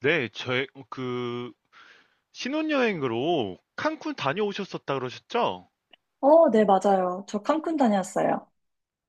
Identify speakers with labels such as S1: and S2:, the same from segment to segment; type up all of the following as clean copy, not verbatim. S1: 네, 그, 신혼여행으로 칸쿤 다녀오셨었다 그러셨죠?
S2: 네, 맞아요. 저 칸쿤 다녀왔어요.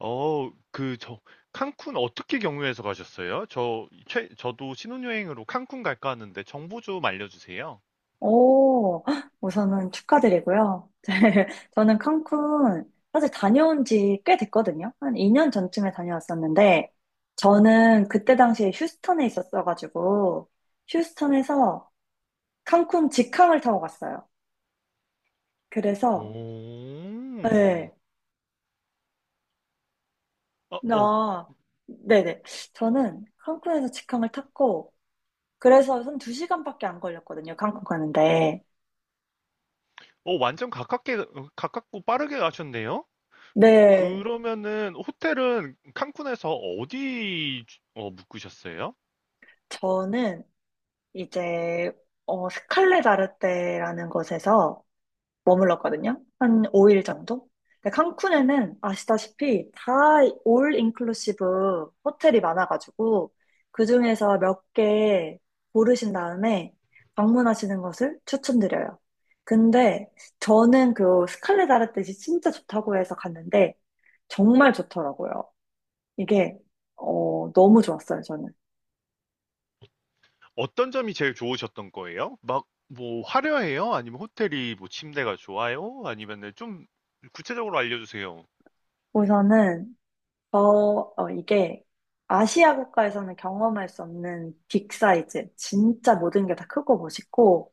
S1: 어, 그, 저, 칸쿤 어떻게 경유해서 가셨어요? 저도 신혼여행으로 칸쿤 갈까 하는데 정보 좀 알려주세요.
S2: 오, 우선은 축하드리고요. 저는 칸쿤 사실 다녀온 지 꽤 됐거든요. 한 2년 전쯤에 다녀왔었는데, 저는 그때 당시에 휴스턴에 있었어가지고, 휴스턴에서 칸쿤 직항을 타고 갔어요.
S1: 오,
S2: 그래서, 네,
S1: 어, 어,
S2: 나, 네네. 저는 칸쿤에서 직항을 탔고, 그래서 한 2시간밖에 안 걸렸거든요. 칸쿤 가는데.
S1: 가깝고 빠르게 가셨네요?
S2: 네,
S1: 그러면은, 호텔은 칸쿤에서 어디, 묵으셨어요?
S2: 저는 이제 스칼레 다르테라는 곳에서 머물렀거든요. 한 5일 정도? 근데 칸쿤에는 아시다시피 다 올 인클루시브 호텔이 많아가지고 그중에서 몇 개 고르신 다음에 방문하시는 것을 추천드려요. 근데 저는 그 스칼레 다르테 진짜 좋다고 해서 갔는데 정말 좋더라고요. 이게 너무 좋았어요, 저는.
S1: 어떤 점이 제일 좋으셨던 거예요? 막 뭐 화려해요? 아니면 호텔이 뭐 침대가 좋아요? 아니면은 좀 구체적으로 알려주세요.
S2: 우선은 어, 이게 아시아 국가에서는 경험할 수 없는 빅 사이즈. 진짜 모든 게 다 크고 멋있고,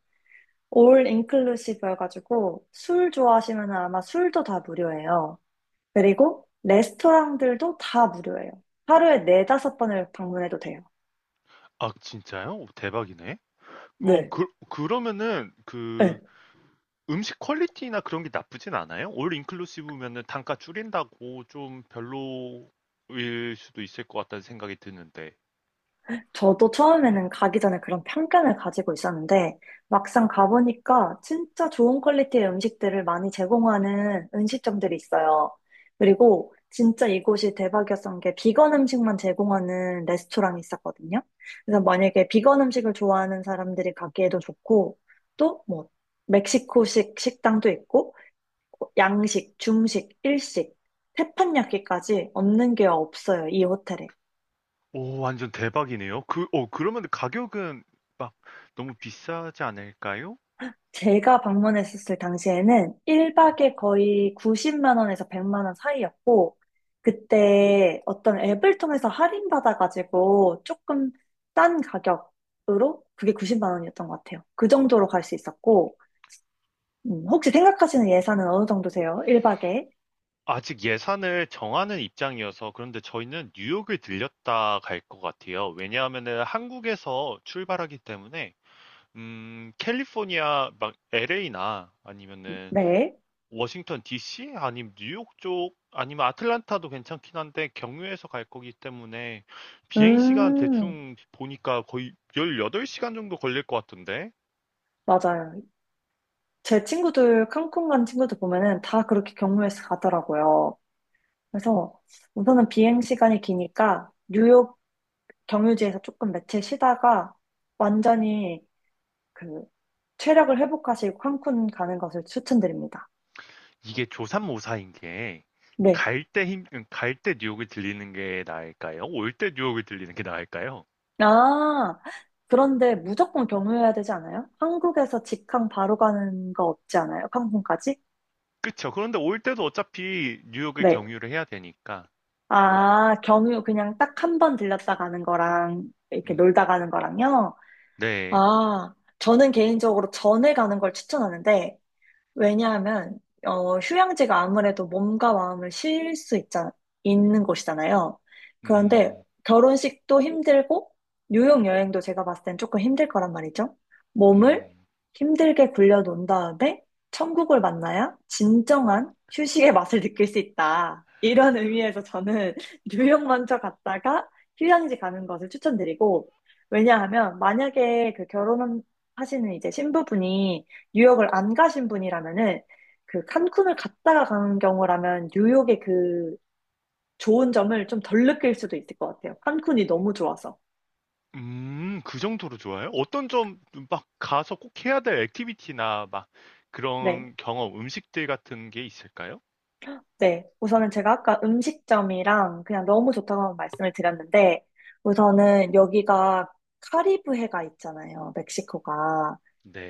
S2: 올 인클루시브 해가지고, 술 좋아하시면 아마 술도 다 무료예요. 그리고 레스토랑들도 다 무료예요. 하루에 네다섯 번을 방문해도 돼요.
S1: 아, 진짜요? 오, 대박이네.
S2: 네.
S1: 그러면은 그
S2: 네.
S1: 음식 퀄리티나 그런 게 나쁘진 않아요? 올 인클루시브면은 단가 줄인다고 좀 별로일 수도 있을 것 같다는 생각이 드는데.
S2: 저도 처음에는 가기 전에 그런 편견을 가지고 있었는데, 막상 가보니까 진짜 좋은 퀄리티의 음식들을 많이 제공하는 음식점들이 있어요. 그리고 진짜 이곳이 대박이었던 게 비건 음식만 제공하는 레스토랑이 있었거든요. 그래서 만약에 비건 음식을 좋아하는 사람들이 가기에도 좋고, 또 뭐, 멕시코식 식당도 있고, 양식, 중식, 일식, 태판야끼까지 없는 게 없어요, 이 호텔에.
S1: 오, 완전 대박이네요. 그러면 가격은 막 너무 비싸지 않을까요?
S2: 제가 방문했었을 당시에는 1박에 거의 90만 원에서 100만 원 사이였고, 그때 어떤 앱을 통해서 할인받아가지고 조금 싼 가격으로 그게 90만 원이었던 것 같아요. 그 정도로 갈 수 있었고, 혹시 생각하시는 예산은 어느 정도세요? 1박에?
S1: 아직 예산을 정하는 입장이어서 그런데 저희는 뉴욕을 들렸다 갈 것 같아요. 왜냐하면은 한국에서 출발하기 때문에 캘리포니아 막 LA나 아니면은
S2: 네.
S1: 워싱턴 DC 아니면 뉴욕 쪽 아니면 아틀란타도 괜찮긴 한데 경유해서 갈 거기 때문에 비행 시간
S2: 음,
S1: 대충 보니까 거의 18시간 정도 걸릴 것 같은데.
S2: 맞아요. 제 친구들, 칸쿤 간 친구들 보면은 다 그렇게 경로에서 가더라고요. 그래서 우선은 비행 시간이 기니까 뉴욕 경유지에서 조금 며칠 쉬다가 완전히 그 체력을 회복하시고 칸쿤 가는 것을 추천드립니다.
S1: 이게 조삼모사인 게
S2: 네.
S1: 갈때 뉴욕이 들리는 게 나을까요? 올 때 뉴욕이 들리는 게 나을까요?
S2: 아, 그런데 무조건 경유해야 되지 않아요? 한국에서 직항 바로 가는 거 없지 않아요? 칸쿤까지?
S1: 그쵸. 그런데 올 때도 어차피 뉴욕에
S2: 네.
S1: 경유를 해야 되니까.
S2: 아, 경유 그냥 딱 한 번 들렸다 가는 거랑 이렇게
S1: 음,
S2: 놀다 가는 거랑요?
S1: 네.
S2: 아, 저는 개인적으로 전에 가는 걸 추천하는데 왜냐하면 휴양지가 아무래도 몸과 마음을 쉴 수 있는 곳이잖아요. 그런데
S1: 음,
S2: 결혼식도 힘들고 뉴욕 여행도 제가 봤을 땐 조금 힘들 거란 말이죠. 몸을
S1: 음,
S2: 힘들게 굴려놓은 다음에 천국을 만나야 진정한 휴식의 맛을 느낄 수 있다. 이런 의미에서 저는 뉴욕 먼저 갔다가 휴양지 가는 것을 추천드리고 왜냐하면 만약에 그 결혼하시는 이제 신부분이 뉴욕을 안 가신 분이라면은 그 칸쿤을 갔다가 가는 경우라면 뉴욕의 그 좋은 점을 좀 덜 느낄 수도 있을 것 같아요. 칸쿤이 너무 좋아서.
S1: 그 정도로 좋아요? 어떤 점 막 가서 꼭 해야 될 액티비티나 막
S2: 네.
S1: 그런 경험, 음식들 같은 게 있을까요?
S2: 네. 우선은 제가 아까 음식점이랑 그냥 너무 좋다고 말씀을 드렸는데 우선은 여기가 카리브해가 있잖아요. 멕시코가.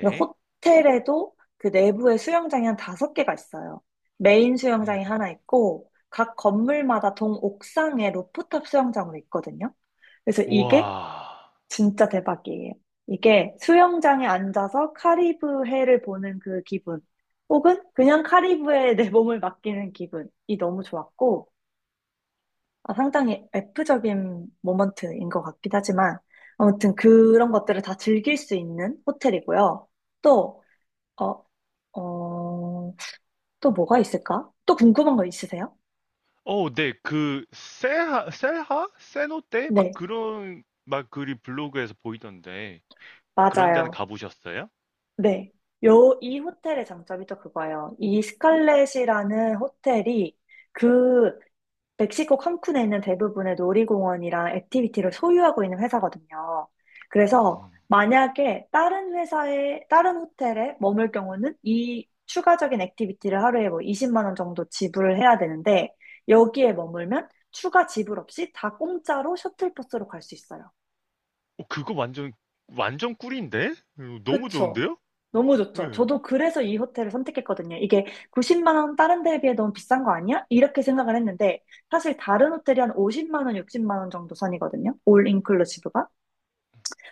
S2: 그래서 호텔에도 그 내부에 수영장이 한 다섯 개가 있어요. 메인
S1: 음,
S2: 수영장이 하나 있고 각 건물마다 동옥상에 루프탑 수영장으로 있거든요. 그래서 이게
S1: 와.
S2: 진짜 대박이에요. 이게 수영장에 앉아서 카리브해를 보는 그 기분, 혹은 그냥 카리브해에 내 몸을 맡기는 기분이 너무 좋았고, 아, 상당히 F적인 모먼트인 것 같긴 하지만, 아무튼 그런 것들을 다 즐길 수 있는 호텔이고요. 또, 어, 어, 또 뭐가 있을까? 또 궁금한 거 있으세요?
S1: 네, 셀하, 셀하? 세노테?
S2: 네,
S1: 막 그런, 막 글이 블로그에서 보이던데, 그런 데는
S2: 맞아요.
S1: 가보셨어요?
S2: 네. 이 호텔의 장점이 또 그거예요. 이 스칼렛이라는 호텔이 그 멕시코 칸쿤에 있는 대부분의 놀이공원이랑 액티비티를 소유하고 있는 회사거든요. 그래서
S1: 음.
S2: 만약에 다른 호텔에 머물 경우는 이 추가적인 액티비티를 하루에 뭐 20만 원 정도 지불을 해야 되는데 여기에 머물면 추가 지불 없이 다 공짜로 셔틀버스로 갈 수 있어요.
S1: 그거 완전, 완전 꿀인데? 너무
S2: 그쵸.
S1: 좋은데요?
S2: 너무
S1: 네.
S2: 좋죠. 저도 그래서 이 호텔을 선택했거든요. 이게 90만 원 다른 데에 비해 너무 비싼 거 아니야? 이렇게 생각을 했는데 사실 다른 호텔이 한 50만 원, 60만 원 정도 선이거든요. 올 인클루시브가.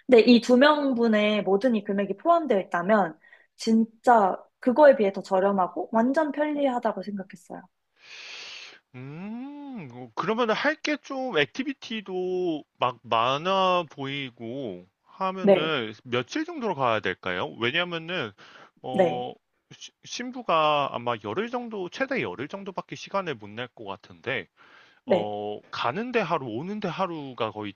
S2: 근데 이 두 명분의 모든 이 금액이 포함되어 있다면 진짜 그거에 비해 더 저렴하고 완전 편리하다고 생각했어요.
S1: 그러면 할 게 좀, 액티비티도 막 많아 보이고
S2: 네,
S1: 하면은 며칠 정도로 가야 될까요? 왜냐면은,
S2: 네,
S1: 어, 신부가 아마 열흘 정도, 최대 열흘 정도밖에 시간을 못 낼 것 같은데,
S2: 네,
S1: 가는데 하루, 오는데 하루가 거의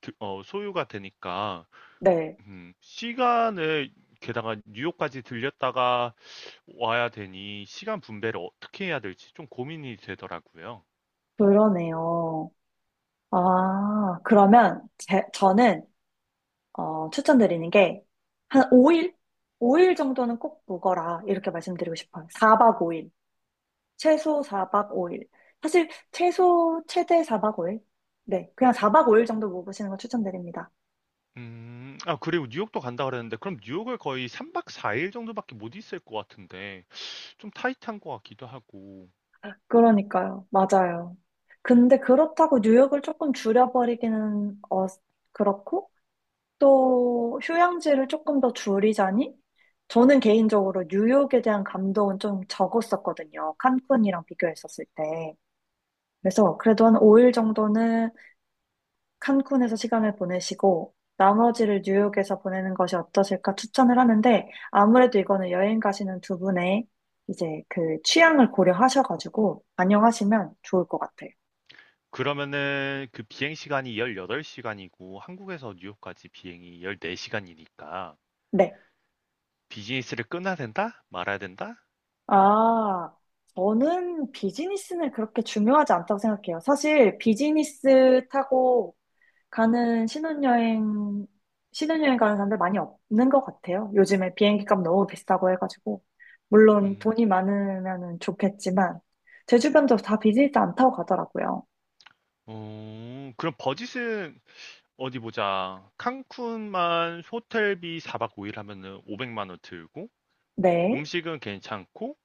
S1: 소요가 되니까,
S2: 네.
S1: 시간을, 게다가 뉴욕까지 들렸다가 와야 되니, 시간 분배를 어떻게 해야 될지 좀 고민이 되더라고요.
S2: 그러네요. 아, 그러면 저는 추천드리는 게, 한 5일? 5일 정도는 꼭 묵어라. 이렇게 말씀드리고 싶어요. 4박 5일. 최소 4박 5일. 사실, 최소, 최대 4박 5일? 네. 그냥 4박 5일 정도 묵으시는 거 추천드립니다.
S1: 아, 그리고 뉴욕도 간다 그랬는데, 그럼 뉴욕을 거의 3박 4일 정도밖에 못 있을 것 같은데, 좀 타이트한 것 같기도 하고,
S2: 그러니까요. 맞아요. 근데 그렇다고 뉴욕을 조금 줄여버리기는, 그렇고, 또, 휴양지를 조금 더 줄이자니? 저는 개인적으로 뉴욕에 대한 감동은 좀 적었었거든요. 칸쿤이랑 비교했었을 때. 그래서 그래도 한 5일 정도는 칸쿤에서 시간을 보내시고 나머지를 뉴욕에서 보내는 것이 어떠실까 추천을 하는데 아무래도 이거는 여행 가시는 두 분의 이제 그 취향을 고려하셔가지고 반영하시면 좋을 것 같아요.
S1: 그러면은 그 비행 시간이 18시간이고, 한국에서 뉴욕까지 비행이 14시간이니까,
S2: 네.
S1: 비즈니스를 끊어야 된다? 말아야 된다?
S2: 아, 저는 비즈니스는 그렇게 중요하지 않다고 생각해요. 사실 비즈니스 타고 가는 신혼여행 가는 사람들 많이 없는 것 같아요. 요즘에 비행기 값 너무 비싸고 해가지고. 물론
S1: 음.
S2: 돈이 많으면 좋겠지만, 제 주변도 다 비즈니스 안 타고 가더라고요.
S1: 그럼 버짓은 어디 보자. 칸쿤만 호텔비 4박 5일 하면은 500만 원 들고
S2: 네,
S1: 음식은 괜찮고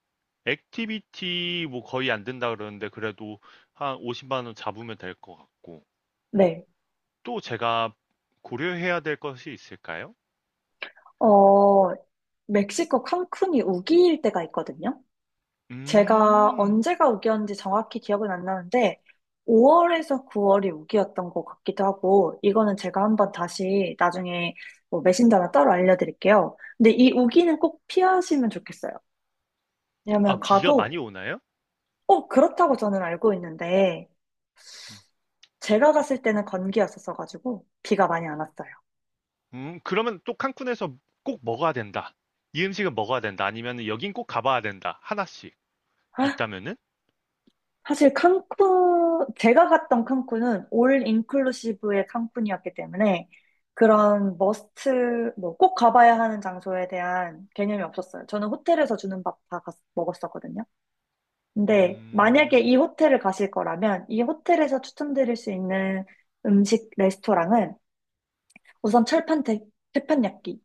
S1: 액티비티 뭐 거의 안된다 그러는데 그래도 한 50만 원 잡으면 될 것 같고
S2: 네.
S1: 또 제가 고려해야 될 것이 있을까요?
S2: 어, 멕시코 칸쿤이 우기일 때가 있거든요. 제가
S1: 음.
S2: 언제가 우기였는지 정확히 기억은 안 나는데, 5월에서 9월이 우기였던 것 같기도 하고, 이거는 제가 한번 다시 나중에 뭐 메신저나 따로 알려드릴게요. 근데 이 우기는 꼭 피하시면 좋겠어요.
S1: 아,
S2: 왜냐면
S1: 비가 많이
S2: 가도,
S1: 오나요?
S2: 그렇다고 저는 알고 있는데, 제가 갔을 때는 건기였었어가지고, 비가 많이 안 왔어요.
S1: 그러면 또 칸쿤에서 꼭 먹어야 된다. 이 음식은 먹어야 된다. 아니면 여긴 꼭 가봐야 된다. 하나씩 있다면은?
S2: 사실 칸쿤, 제가 갔던 칸쿤은 올 인클루시브의 칸쿤이었기 때문에 그런 머스트, 뭐 꼭 가봐야 하는 장소에 대한 개념이 없었어요. 저는 호텔에서 주는 밥 다 먹었었거든요. 근데 만약에
S1: 음.
S2: 이 호텔을 가실 거라면 이 호텔에서 추천드릴 수 있는 음식 레스토랑은 우선 철판 판야끼이고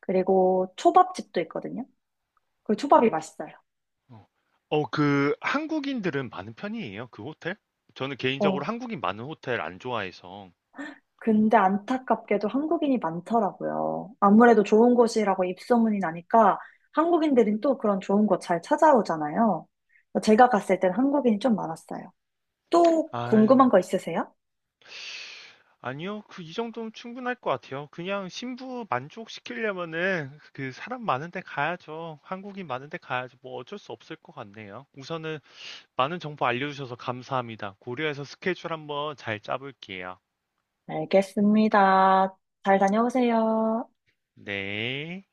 S2: 그리고 초밥집도 있거든요. 그 초밥이 맛있어요.
S1: 어. 그 한국인들은 많은 편이에요? 그 호텔? 저는 개인적으로
S2: 어,
S1: 한국인 많은 호텔 안 좋아해서.
S2: 근데 안타깝게도 한국인이 많더라고요. 아무래도 좋은 곳이라고 입소문이 나니까 한국인들은 또 그런 좋은 곳 잘 찾아오잖아요. 제가 갔을 땐 한국인이 좀 많았어요. 또
S1: 아,
S2: 궁금한 거 있으세요?
S1: 아니요. 이 정도면 충분할 것 같아요. 그냥 신부 만족시키려면은 그 사람 많은 데 가야죠. 한국인 많은 데 가야죠. 뭐 어쩔 수 없을 것 같네요. 우선은 많은 정보 알려주셔서 감사합니다. 고려해서 스케줄 한번 잘 짜볼게요.
S2: 알겠습니다. 잘 다녀오세요.
S1: 네.